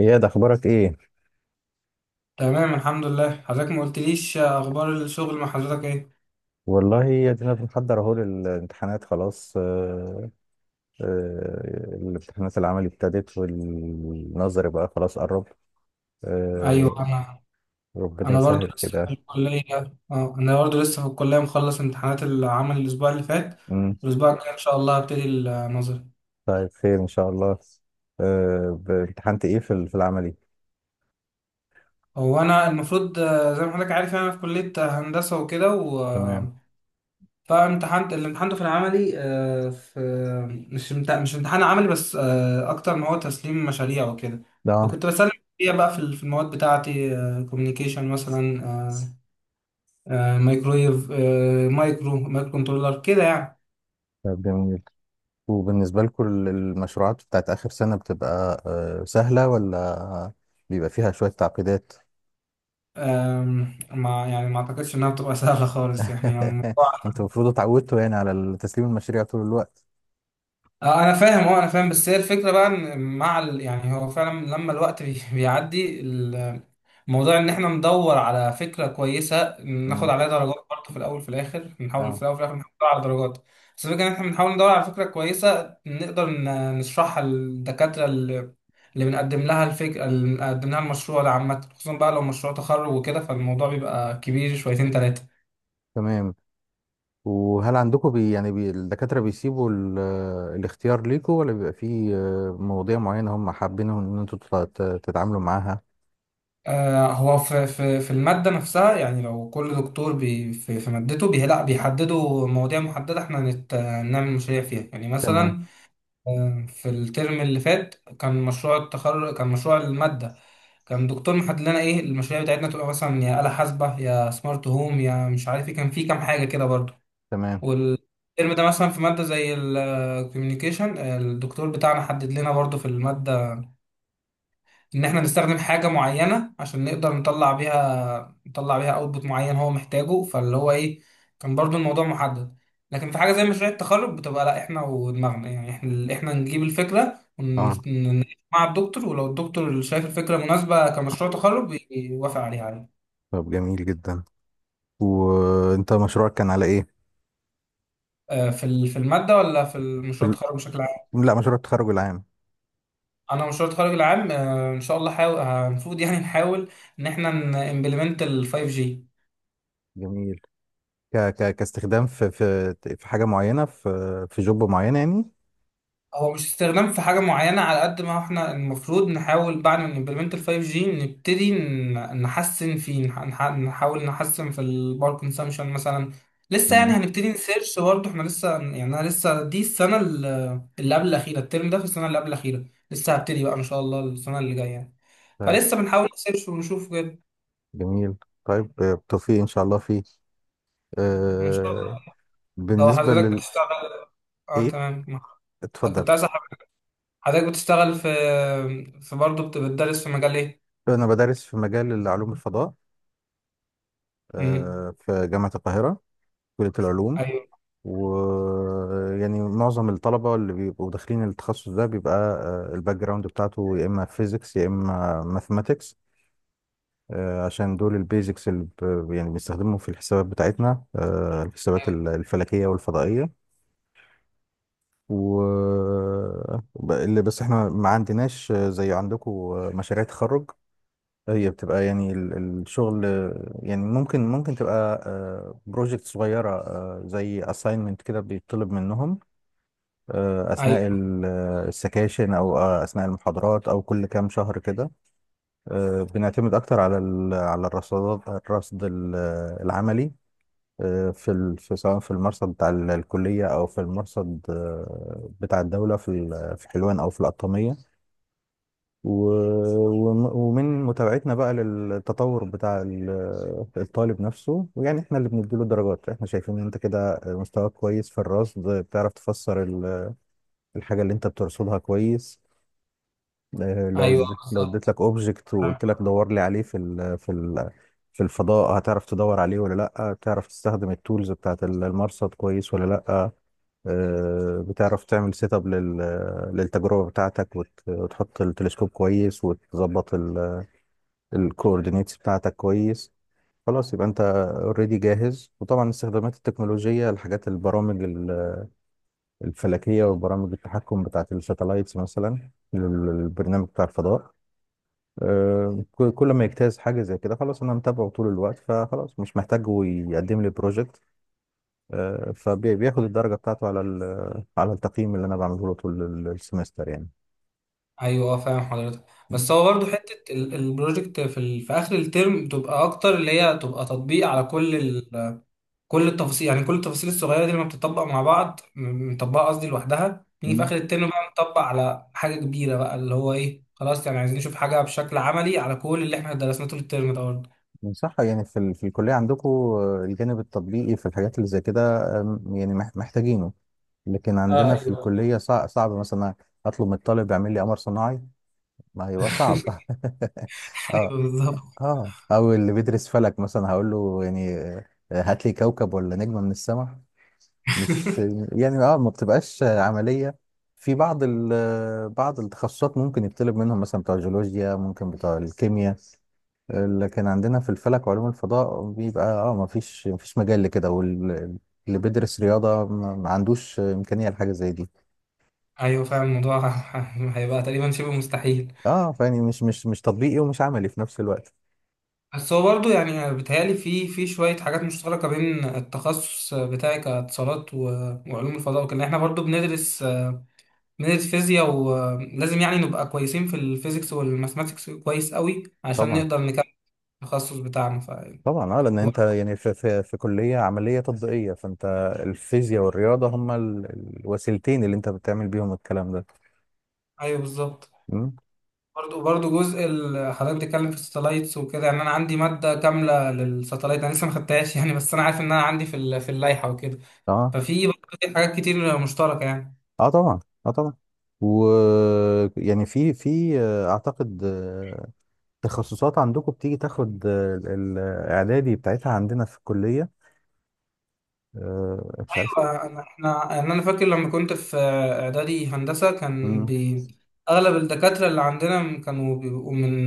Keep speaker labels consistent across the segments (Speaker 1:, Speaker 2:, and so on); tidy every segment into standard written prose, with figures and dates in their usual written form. Speaker 1: اياد، اخبارك ايه؟
Speaker 2: تمام الحمد لله. حضرتك ما قلتليش اخبار الشغل مع حضرتك ايه؟
Speaker 1: والله يا دينا بنحضر اهو للامتحانات خلاص. الامتحانات العملي ابتدت والنظري بقى خلاص قرب. آه،
Speaker 2: ايوه انا
Speaker 1: ربنا
Speaker 2: برضو
Speaker 1: يسهل
Speaker 2: لسه
Speaker 1: كده.
Speaker 2: في الكليه. اه انا برضو لسه في الكليه، مخلص امتحانات العمل الاسبوع اللي فات.
Speaker 1: مم.
Speaker 2: الاسبوع الجاي ان شاء الله هبتدي النظري.
Speaker 1: طيب خير ان شاء الله. امتحنت ايه في في العملي؟
Speaker 2: هو انا المفروض، زي ما حضرتك عارف، يعني انا في كليه هندسه وكده و
Speaker 1: تمام.
Speaker 2: آه، فامتحنت اللي امتحنته في العملي، في مش امتحان عملي بس، اكتر ما هو تسليم مشاريع وكده.
Speaker 1: ده.
Speaker 2: فكنت بسلم مشاريع بقى في المواد بتاعتي، كوميونيكيشن مثلا، آه، مايكرويف، مايكرو كنترولر كده يعني.
Speaker 1: طيب جميل. وبالنسبة لكم المشروعات بتاعت آخر سنة بتبقى سهلة ولا بيبقى فيها شوية تعقيدات؟
Speaker 2: ما يعني ما اعتقدش انها بتبقى سهله خالص يعني الموضوع.
Speaker 1: انتوا المفروض اتعودتوا يعني على تسليم المشاريع طول الوقت.
Speaker 2: اه انا فاهم، بس هي الفكره بقى ان مع يعني هو فعلا لما الوقت بيعدي موضوع ان احنا ندور على فكره كويسه ناخد
Speaker 1: مم.
Speaker 2: عليها درجات برضه، في الاول في الاخر نحاول،
Speaker 1: اه،
Speaker 2: على درجات. بس الفكره ان احنا بنحاول ندور على فكره كويسه نقدر نشرحها للدكاتره، اللي بنقدم لها الفكره، اللي بنقدم لها المشروع ده، عامه خصوصا بقى لو مشروع تخرج وكده فالموضوع بيبقى كبير شويتين تلاته.
Speaker 1: تمام. وهل عندكم بي يعني بي الدكاترة بيسيبوا الاختيار ليكم ولا بيبقى في مواضيع معينة هم حابين ان انتوا تتعاملوا معاها؟
Speaker 2: هو في المادة نفسها، يعني لو كل دكتور في مادته لا بيحددوا مواضيع محددة احنا هنعمل مشاريع فيها يعني.
Speaker 1: تمام،
Speaker 2: مثلا في الترم اللي فات كان مشروع التخرج، كان مشروع المادة كان دكتور محدد لنا ايه المشاريع بتاعتنا تبقى. مثلا يا آلة حاسبة يا سمارت هوم يا مش عارف ايه، كان في كام حاجة كده برضه.
Speaker 1: تمام،
Speaker 2: والترم ده مثلا في مادة زي الكوميونيكيشن، الدكتور بتاعنا حدد لنا برضه في المادة ان احنا نستخدم حاجة معينة عشان نقدر نطلع بيها، يطلع بيها اوتبوت معين هو محتاجه. فاللي هو ايه، كان برضو الموضوع محدد. لكن في حاجه زي مشاريع التخرج بتبقى لا، احنا ودماغنا يعني، احنا نجيب الفكره
Speaker 1: اه.
Speaker 2: ونجمع مع الدكتور، ولو الدكتور شايف الفكره مناسبه كمشروع تخرج يوافق عليها عادي.
Speaker 1: طب جميل جدا. وانت مشروعك كان على ايه؟
Speaker 2: في الماده ولا في
Speaker 1: في
Speaker 2: المشروع التخرج
Speaker 1: ال...
Speaker 2: بشكل عام؟
Speaker 1: لا، مشروع التخرج العام.
Speaker 2: انا مشروع التخرج العام، ان شاء الله حاول المفروض يعني نحاول ان احنا نimplement ال 5G.
Speaker 1: جميل. كاستخدام في حاجة معينة في جوب معين يعني؟
Speaker 2: هو مش استخدام في حاجة معينة على قد ما احنا المفروض نحاول بعد ما نمبلمنت ال 5G نبتدي نحسن فيه، نحاول نحسن في الباور كونسامشن مثلا. لسه يعني
Speaker 1: مم.
Speaker 2: هنبتدي نسيرش برضه، احنا لسه يعني، انا لسه دي السنة اللي قبل الأخيرة، الترم ده في السنة اللي قبل الأخيرة. لسه هبتدي بقى إن شاء الله السنة اللي جاية يعني.
Speaker 1: طيب
Speaker 2: فلسه بنحاول نسيرش ونشوف كده.
Speaker 1: جميل. طيب بالتوفيق ان شاء الله فيه.
Speaker 2: إن شاء
Speaker 1: آه...
Speaker 2: الله. هو
Speaker 1: بالنسبة
Speaker 2: حضرتك
Speaker 1: لل...
Speaker 2: بتشتغل؟ اه
Speaker 1: ايه،
Speaker 2: تمام.
Speaker 1: اتفضل.
Speaker 2: كنت عايز أعرف حضرتك بتشتغل في، في برضه بتدرس في مجال ايه؟
Speaker 1: أنا بدرس في مجال علوم الفضاء،
Speaker 2: امم.
Speaker 1: في جامعة القاهرة، كلية العلوم. ويعني معظم الطلبة اللي بيبقوا داخلين التخصص ده بيبقى الباك جراوند بتاعته يا إما فيزيكس يا إما ماثماتكس، عشان دول البيزكس اللي يعني بنستخدمهم في الحسابات بتاعتنا، الحسابات الفلكية والفضائية. و اللي بس احنا ما عندناش زي عندكم مشاريع تخرج. هي بتبقى يعني الشغل. يعني ممكن تبقى بروجكت صغيرة زي assignment كده بيطلب منهم، أثناء
Speaker 2: ايوه.
Speaker 1: السكاشن أو أثناء المحاضرات أو كل كام شهر كده. بنعتمد أكتر على على الرصادات، الرصد العملي، في في سواء في المرصد بتاع الكلية أو في المرصد بتاع الدولة في في حلوان أو في القطامية. ومن متابعتنا بقى للتطور بتاع الطالب نفسه، ويعني احنا اللي بنديله درجات، احنا شايفين ان انت كده مستواك كويس في الرصد، بتعرف تفسر الحاجة اللي انت بترصدها كويس. اه، لو
Speaker 2: ايوه
Speaker 1: لو
Speaker 2: بالظبط،
Speaker 1: اديت لك اوبجكت وقلت لك
Speaker 2: فاهم.
Speaker 1: دور لي عليه في الفضاء، هتعرف تدور عليه ولا لا؟ بتعرف تستخدم التولز بتاعت المرصد كويس ولا لا؟ اه، بتعرف تعمل سيت اب للتجربة بتاعتك، وتحط التلسكوب كويس وتظبط ال الكوردينيتس بتاعتك كويس؟ خلاص، يبقى انت اوريدي جاهز. وطبعا استخدامات التكنولوجيا، الحاجات، البرامج الفلكيه وبرامج التحكم بتاعت الساتلايتس مثلا، البرنامج بتاع الفضاء، كل ما يجتاز حاجه زي كده خلاص انا متابعه طول الوقت، فخلاص مش محتاج هو يقدم لي بروجكت، فبياخد الدرجه بتاعته على على التقييم اللي انا بعمله له طول السمستر
Speaker 2: ايوه، فاهم حضرتك. بس
Speaker 1: يعني.
Speaker 2: هو برضو حته البروجكت في اخر الترم بتبقى اكتر، اللي هي تبقى تطبيق على كل كل التفاصيل، يعني كل التفاصيل الصغيره دي لما بتطبق مع بعض مطبقه قصدي لوحدها، نيجي في اخر الترم بقى نطبق على حاجه كبيره بقى، اللي هو ايه خلاص يعني عايزين نشوف حاجه بشكل عملي على كل اللي احنا درسناه طول الترم ده برضه.
Speaker 1: صح، يعني في الكلية عندكم الجانب التطبيقي في الحاجات اللي زي كده، يعني محتاجينه. لكن
Speaker 2: اه
Speaker 1: عندنا في
Speaker 2: ايوه.
Speaker 1: الكلية صعب مثلا أطلب من الطالب يعمل لي قمر صناعي. ما هيبقى صعب.
Speaker 2: ايوه
Speaker 1: اه.
Speaker 2: بالظبط.
Speaker 1: اه، أو اللي بيدرس فلك مثلا هقول له يعني هات لي كوكب ولا نجمة من السماء؟ مش يعني، اه، ما بتبقاش عملية. في بعض بعض التخصصات ممكن يطلب منهم، مثلا بتوع الجيولوجيا، ممكن بتوع الكيمياء. لكن عندنا في الفلك وعلوم الفضاء بيبقى اه ما فيش مجال لكده، واللي بيدرس رياضة ما عندوش إمكانية لحاجة زي دي.
Speaker 2: ايوه فعلا الموضوع هيبقى تقريبا شبه مستحيل.
Speaker 1: اه، فيعني مش تطبيقي ومش عملي في نفس الوقت.
Speaker 2: بس هو برضه يعني بيتهيألي في شوية حاجات مشتركة بين التخصص بتاعي كاتصالات وعلوم الفضاء وكده، احنا برضه بندرس، فيزياء، ولازم يعني نبقى كويسين في الفيزيكس والماثماتكس كويس قوي عشان
Speaker 1: طبعا،
Speaker 2: نقدر نكمل التخصص بتاعنا. ف
Speaker 1: طبعا. اه، لان
Speaker 2: هو-
Speaker 1: انت يعني في كليه عمليه تطبيقيه، فانت الفيزياء والرياضه هما الوسيلتين اللي انت بتعمل بيهم الكلام ده.
Speaker 2: ايوه بالظبط.
Speaker 1: مم.
Speaker 2: برضه جزء حضرتك بتتكلم في الساتلايتس وكده، يعني انا عندي مادة كاملة للساتلايت انا لسه ما خدتهاش يعني، بس انا عارف ان انا عندي في اللائحة وكده.
Speaker 1: اه،
Speaker 2: ففي برضه حاجات كتير مشتركة يعني.
Speaker 1: اه، طبعا. اه، طبعا. و، يعني في في اعتقد تخصصات عندكم بتيجي تاخد الاعدادي بتاعتها عندنا في الكليه، مش عارف.
Speaker 2: احنا يعني، انا فاكر لما كنت في اعدادي هندسه كان
Speaker 1: امم
Speaker 2: اغلب الدكاتره اللي عندنا كانوا بيبقوا من،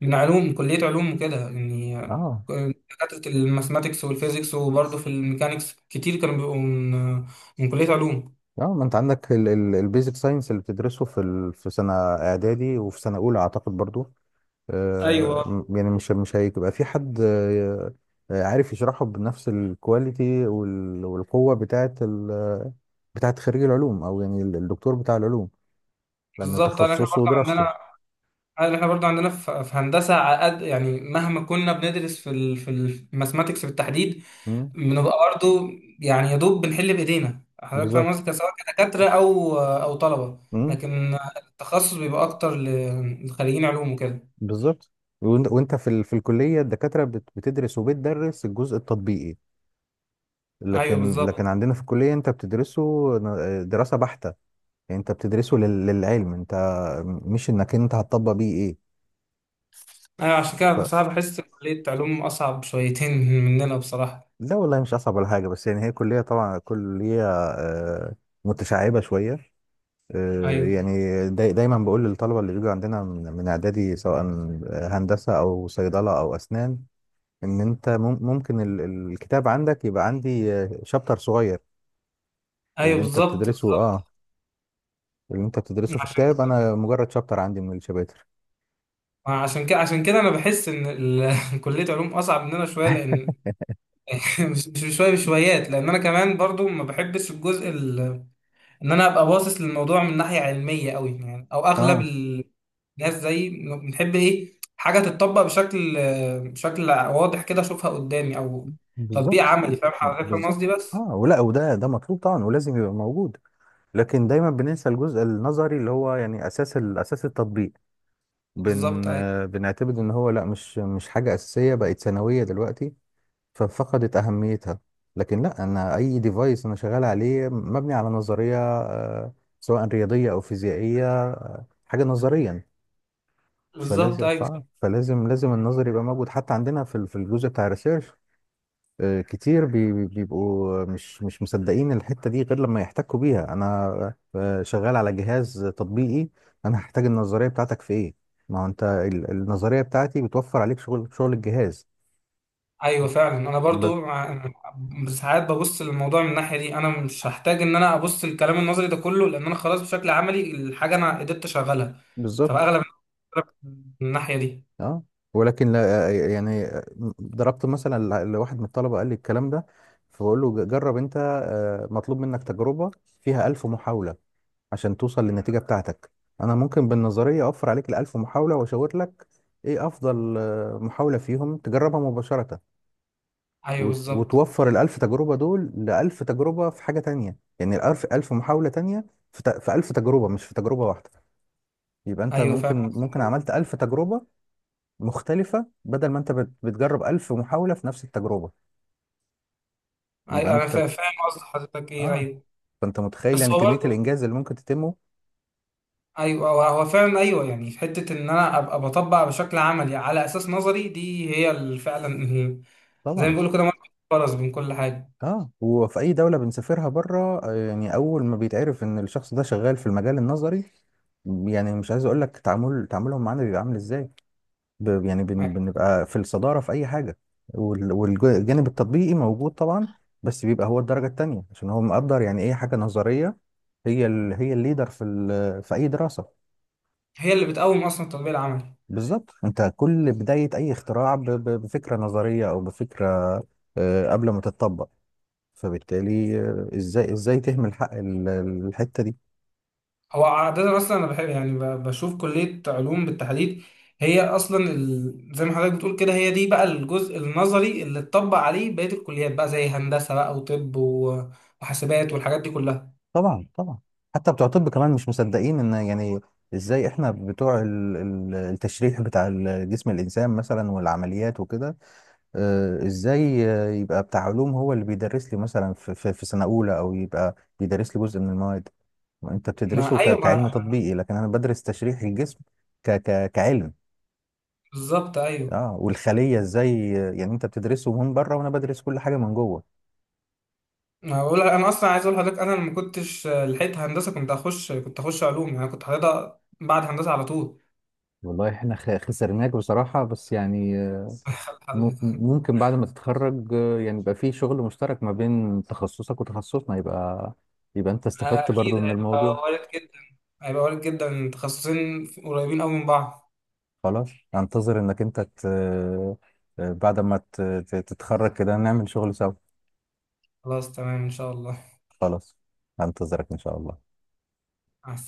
Speaker 2: علوم، كليه علوم وكده يعني.
Speaker 1: اه،
Speaker 2: دكاتره الماثماتكس والفيزيكس، وبرضه في الميكانيكس كتير كانوا بيبقوا من كليه علوم.
Speaker 1: اه، ما انت عندك البيزك ساينس اللي بتدرسه في في سنه اعدادي وفي سنه اولى اعتقد برضو.
Speaker 2: ايوه
Speaker 1: يعني مش هيبقى في حد عارف يشرحه بنفس الكواليتي والقوه بتاعت بتاعت خريج العلوم، او يعني الدكتور بتاع العلوم، لأن
Speaker 2: بالظبط. انا احنا
Speaker 1: تخصصه
Speaker 2: برضه
Speaker 1: ودراسته.
Speaker 2: عندنا أنا- احنا برضه عندنا في، في هندسه عقد يعني، مهما كنا بندرس في في الماثماتكس بالتحديد
Speaker 1: مم.
Speaker 2: بنبقى برضو، يعني يا دوب بنحل بايدينا، حضرتك فاهم
Speaker 1: بالظبط.
Speaker 2: قصدي، سواء كدكاتره او طلبه.
Speaker 1: مم.
Speaker 2: لكن التخصص بيبقى اكتر لخريجين علوم وكده.
Speaker 1: بالظبط. وانت في في الكلية الدكاترة بتدرس الجزء التطبيقي،
Speaker 2: ايوه
Speaker 1: لكن
Speaker 2: بالظبط.
Speaker 1: عندنا في الكلية انت بتدرسه دراسة بحتة، يعني انت بتدرسه للعلم انت، مش انك انت هتطبق بيه ايه.
Speaker 2: ايوه عشان كده
Speaker 1: ف...
Speaker 2: بصراحه بحس إن كليه علوم اصعب شويتين مننا بصراحه.
Speaker 1: لا والله مش اصعب ولا حاجة، بس يعني هي كلية طبعا كلية متشعبة شوية.
Speaker 2: ايوه.
Speaker 1: يعني دايما بقول للطلبه اللي بيجوا عندنا من اعدادي سواء هندسه او صيدله او اسنان، ان انت ممكن الكتاب عندك يبقى عندي شابتر صغير.
Speaker 2: ايوه
Speaker 1: اللي انت
Speaker 2: بالظبط.
Speaker 1: بتدرسه، اه، اللي انت بتدرسه في
Speaker 2: عشان
Speaker 1: كتاب، انا مجرد شابتر عندي من الشباتر.
Speaker 2: عشان كده، انا بحس ان كليه علوم اصعب مننا شويه، لان مش شويه بشويات، لان انا كمان برضو ما بحبش الجزء ان انا ابقى باصص للموضوع من ناحيه علميه قوي يعني، او اغلب
Speaker 1: اه،
Speaker 2: الناس زي بنحب ايه حاجه تتطبق بشكل، واضح كده اشوفها قدامي او تطبيق
Speaker 1: بالظبط،
Speaker 2: عملي، فاهم حضرتك فاهم قصدي
Speaker 1: بالظبط.
Speaker 2: بس.
Speaker 1: اه، ولا وده ده مطلوب طبعا ولازم يبقى موجود، لكن دايما بننسى الجزء النظري اللي هو يعني اساس اساس التطبيق.
Speaker 2: بالظبط
Speaker 1: بن
Speaker 2: ايوه.
Speaker 1: آه، بنعتبر ان هو لا، مش حاجه اساسيه، بقت ثانويه دلوقتي، ففقدت أهميتها. لكن لا، أنا أي ديفايس أنا شغال عليه مبني على نظرية سواء رياضية أو فيزيائية، حاجة نظريا.
Speaker 2: بالظبط
Speaker 1: فلازم ف-
Speaker 2: ايوه.
Speaker 1: فلازم لازم النظر يبقى موجود. حتى عندنا في في الجزء بتاع الريسيرش، كتير بيبقوا مش مصدقين الحتة دي غير لما يحتكوا بيها. أنا شغال على جهاز تطبيقي، أنا هحتاج النظرية بتاعتك في إيه؟ ما هو أنت النظرية بتاعتي بتوفر عليك شغل، الجهاز.
Speaker 2: ايوه فعلا. انا برضو
Speaker 1: ب-
Speaker 2: ساعات ببص للموضوع من الناحيه دي، انا مش هحتاج ان انا ابص للكلام النظري ده كله لان انا خلاص بشكل عملي الحاجه انا قدرت اشغلها،
Speaker 1: بالظبط.
Speaker 2: فاغلب الناس من الناحيه دي.
Speaker 1: اه، ولكن لا، يعني ضربت مثلا لواحد من الطلبه قال لي الكلام ده، فبقول له جرب انت، مطلوب منك تجربه فيها ألف محاوله عشان توصل للنتيجه بتاعتك. انا ممكن بالنظريه اوفر عليك الألف محاوله واشاور لك ايه افضل محاوله فيهم تجربها مباشره،
Speaker 2: ايوه بالظبط.
Speaker 1: وتوفر الألف تجربه دول لألف تجربه في حاجه تانية، يعني ألف محاوله تانية في في ألف تجربه مش في تجربه واحده. يبقى انت
Speaker 2: ايوه فعلا
Speaker 1: ممكن عملت ألف تجربه مختلفة بدل ما انت بتجرب ألف محاولة في نفس التجربة. يبقى
Speaker 2: ايوه، انا
Speaker 1: انت،
Speaker 2: فاهم قصد حضرتك ايه.
Speaker 1: اه،
Speaker 2: ايوه
Speaker 1: فانت متخيل
Speaker 2: بس
Speaker 1: يعني
Speaker 2: هو
Speaker 1: كمية
Speaker 2: برضه
Speaker 1: الإنجاز اللي ممكن تتمه.
Speaker 2: ايوه، هو فعلا ايوه، يعني في حته ان انا ابقى بطبق بشكل عملي على اساس نظري، دي هي اللي فعلا زي ما
Speaker 1: طبعا.
Speaker 2: بيقولوا كده مربط الفرس بين كل حاجه.
Speaker 1: اه، وفي أي دولة بنسافرها بره يعني أول ما بيتعرف إن الشخص ده شغال في المجال النظري، يعني مش عايز أقول لك تعامل، تعاملهم معانا بيبقى عامل إزاي.
Speaker 2: يعني
Speaker 1: بنبقى في الصدارة في أي حاجة. والجانب التطبيقي موجود طبعا، بس بيبقى هو الدرجة التانية، عشان هو مقدر يعني إيه حاجة نظرية. هي الليدر في في أي دراسة.
Speaker 2: هي اللي بتقوم اصلا التطبيق العملي.
Speaker 1: بالظبط، انت كل بداية اي اختراع بفكرة نظرية او بفكرة قبل ما تتطبق، فبالتالي ازاي تهمل حق الحتة دي؟
Speaker 2: هو عاده اصلا انا بحب يعني بشوف كليه علوم بالتحديد هي اصلا زي ما حضرتك بتقول كده، هي دي بقى الجزء النظري اللي اتطبق عليه بقيه الكليات بقى، زي هندسه بقى وطب وحاسبات والحاجات دي كلها.
Speaker 1: طبعا، طبعا. حتى بتوع الطب كمان مش مصدقين ان، يعني ازاي احنا بتوع التشريح بتاع جسم الانسان مثلا والعمليات وكده، ازاي يبقى بتاع علوم هو اللي بيدرس لي مثلا في سنة اولى، او يبقى بيدرس لي جزء من المواد انت بتدرسه
Speaker 2: ما ايوه ما
Speaker 1: كعلم تطبيقي، لكن انا بدرس تشريح الجسم كعلم.
Speaker 2: بالظبط ايوه.
Speaker 1: اه، والخليه، ازاي يعني انت بتدرسه من بره وانا بدرس كل حاجه من جوه.
Speaker 2: هقول انا اصلا عايز اقول لحضرتك، انا لما كنتش لحقت هندسه كنت اخش، علوم يعني، أنا كنت حاططها بعد هندسه على طول.
Speaker 1: والله احنا خسرناك بصراحة، بس يعني ممكن بعد ما تتخرج يعني يبقى في شغل مشترك ما بين تخصصك وتخصصنا، يبقى يبقى انت استفدت
Speaker 2: اكيد
Speaker 1: برضو من
Speaker 2: هيبقى
Speaker 1: الموضوع.
Speaker 2: وارد جدا، هيبقى وارد جدا، تخصصين قريبين قوي من بعض.
Speaker 1: خلاص، انتظر انك انت ت... آه، بعد ما تتخرج كده نعمل شغل سوا.
Speaker 2: خلاص تمام ان شاء الله.
Speaker 1: خلاص، هنتظرك ان شاء الله.
Speaker 2: مع السلامه.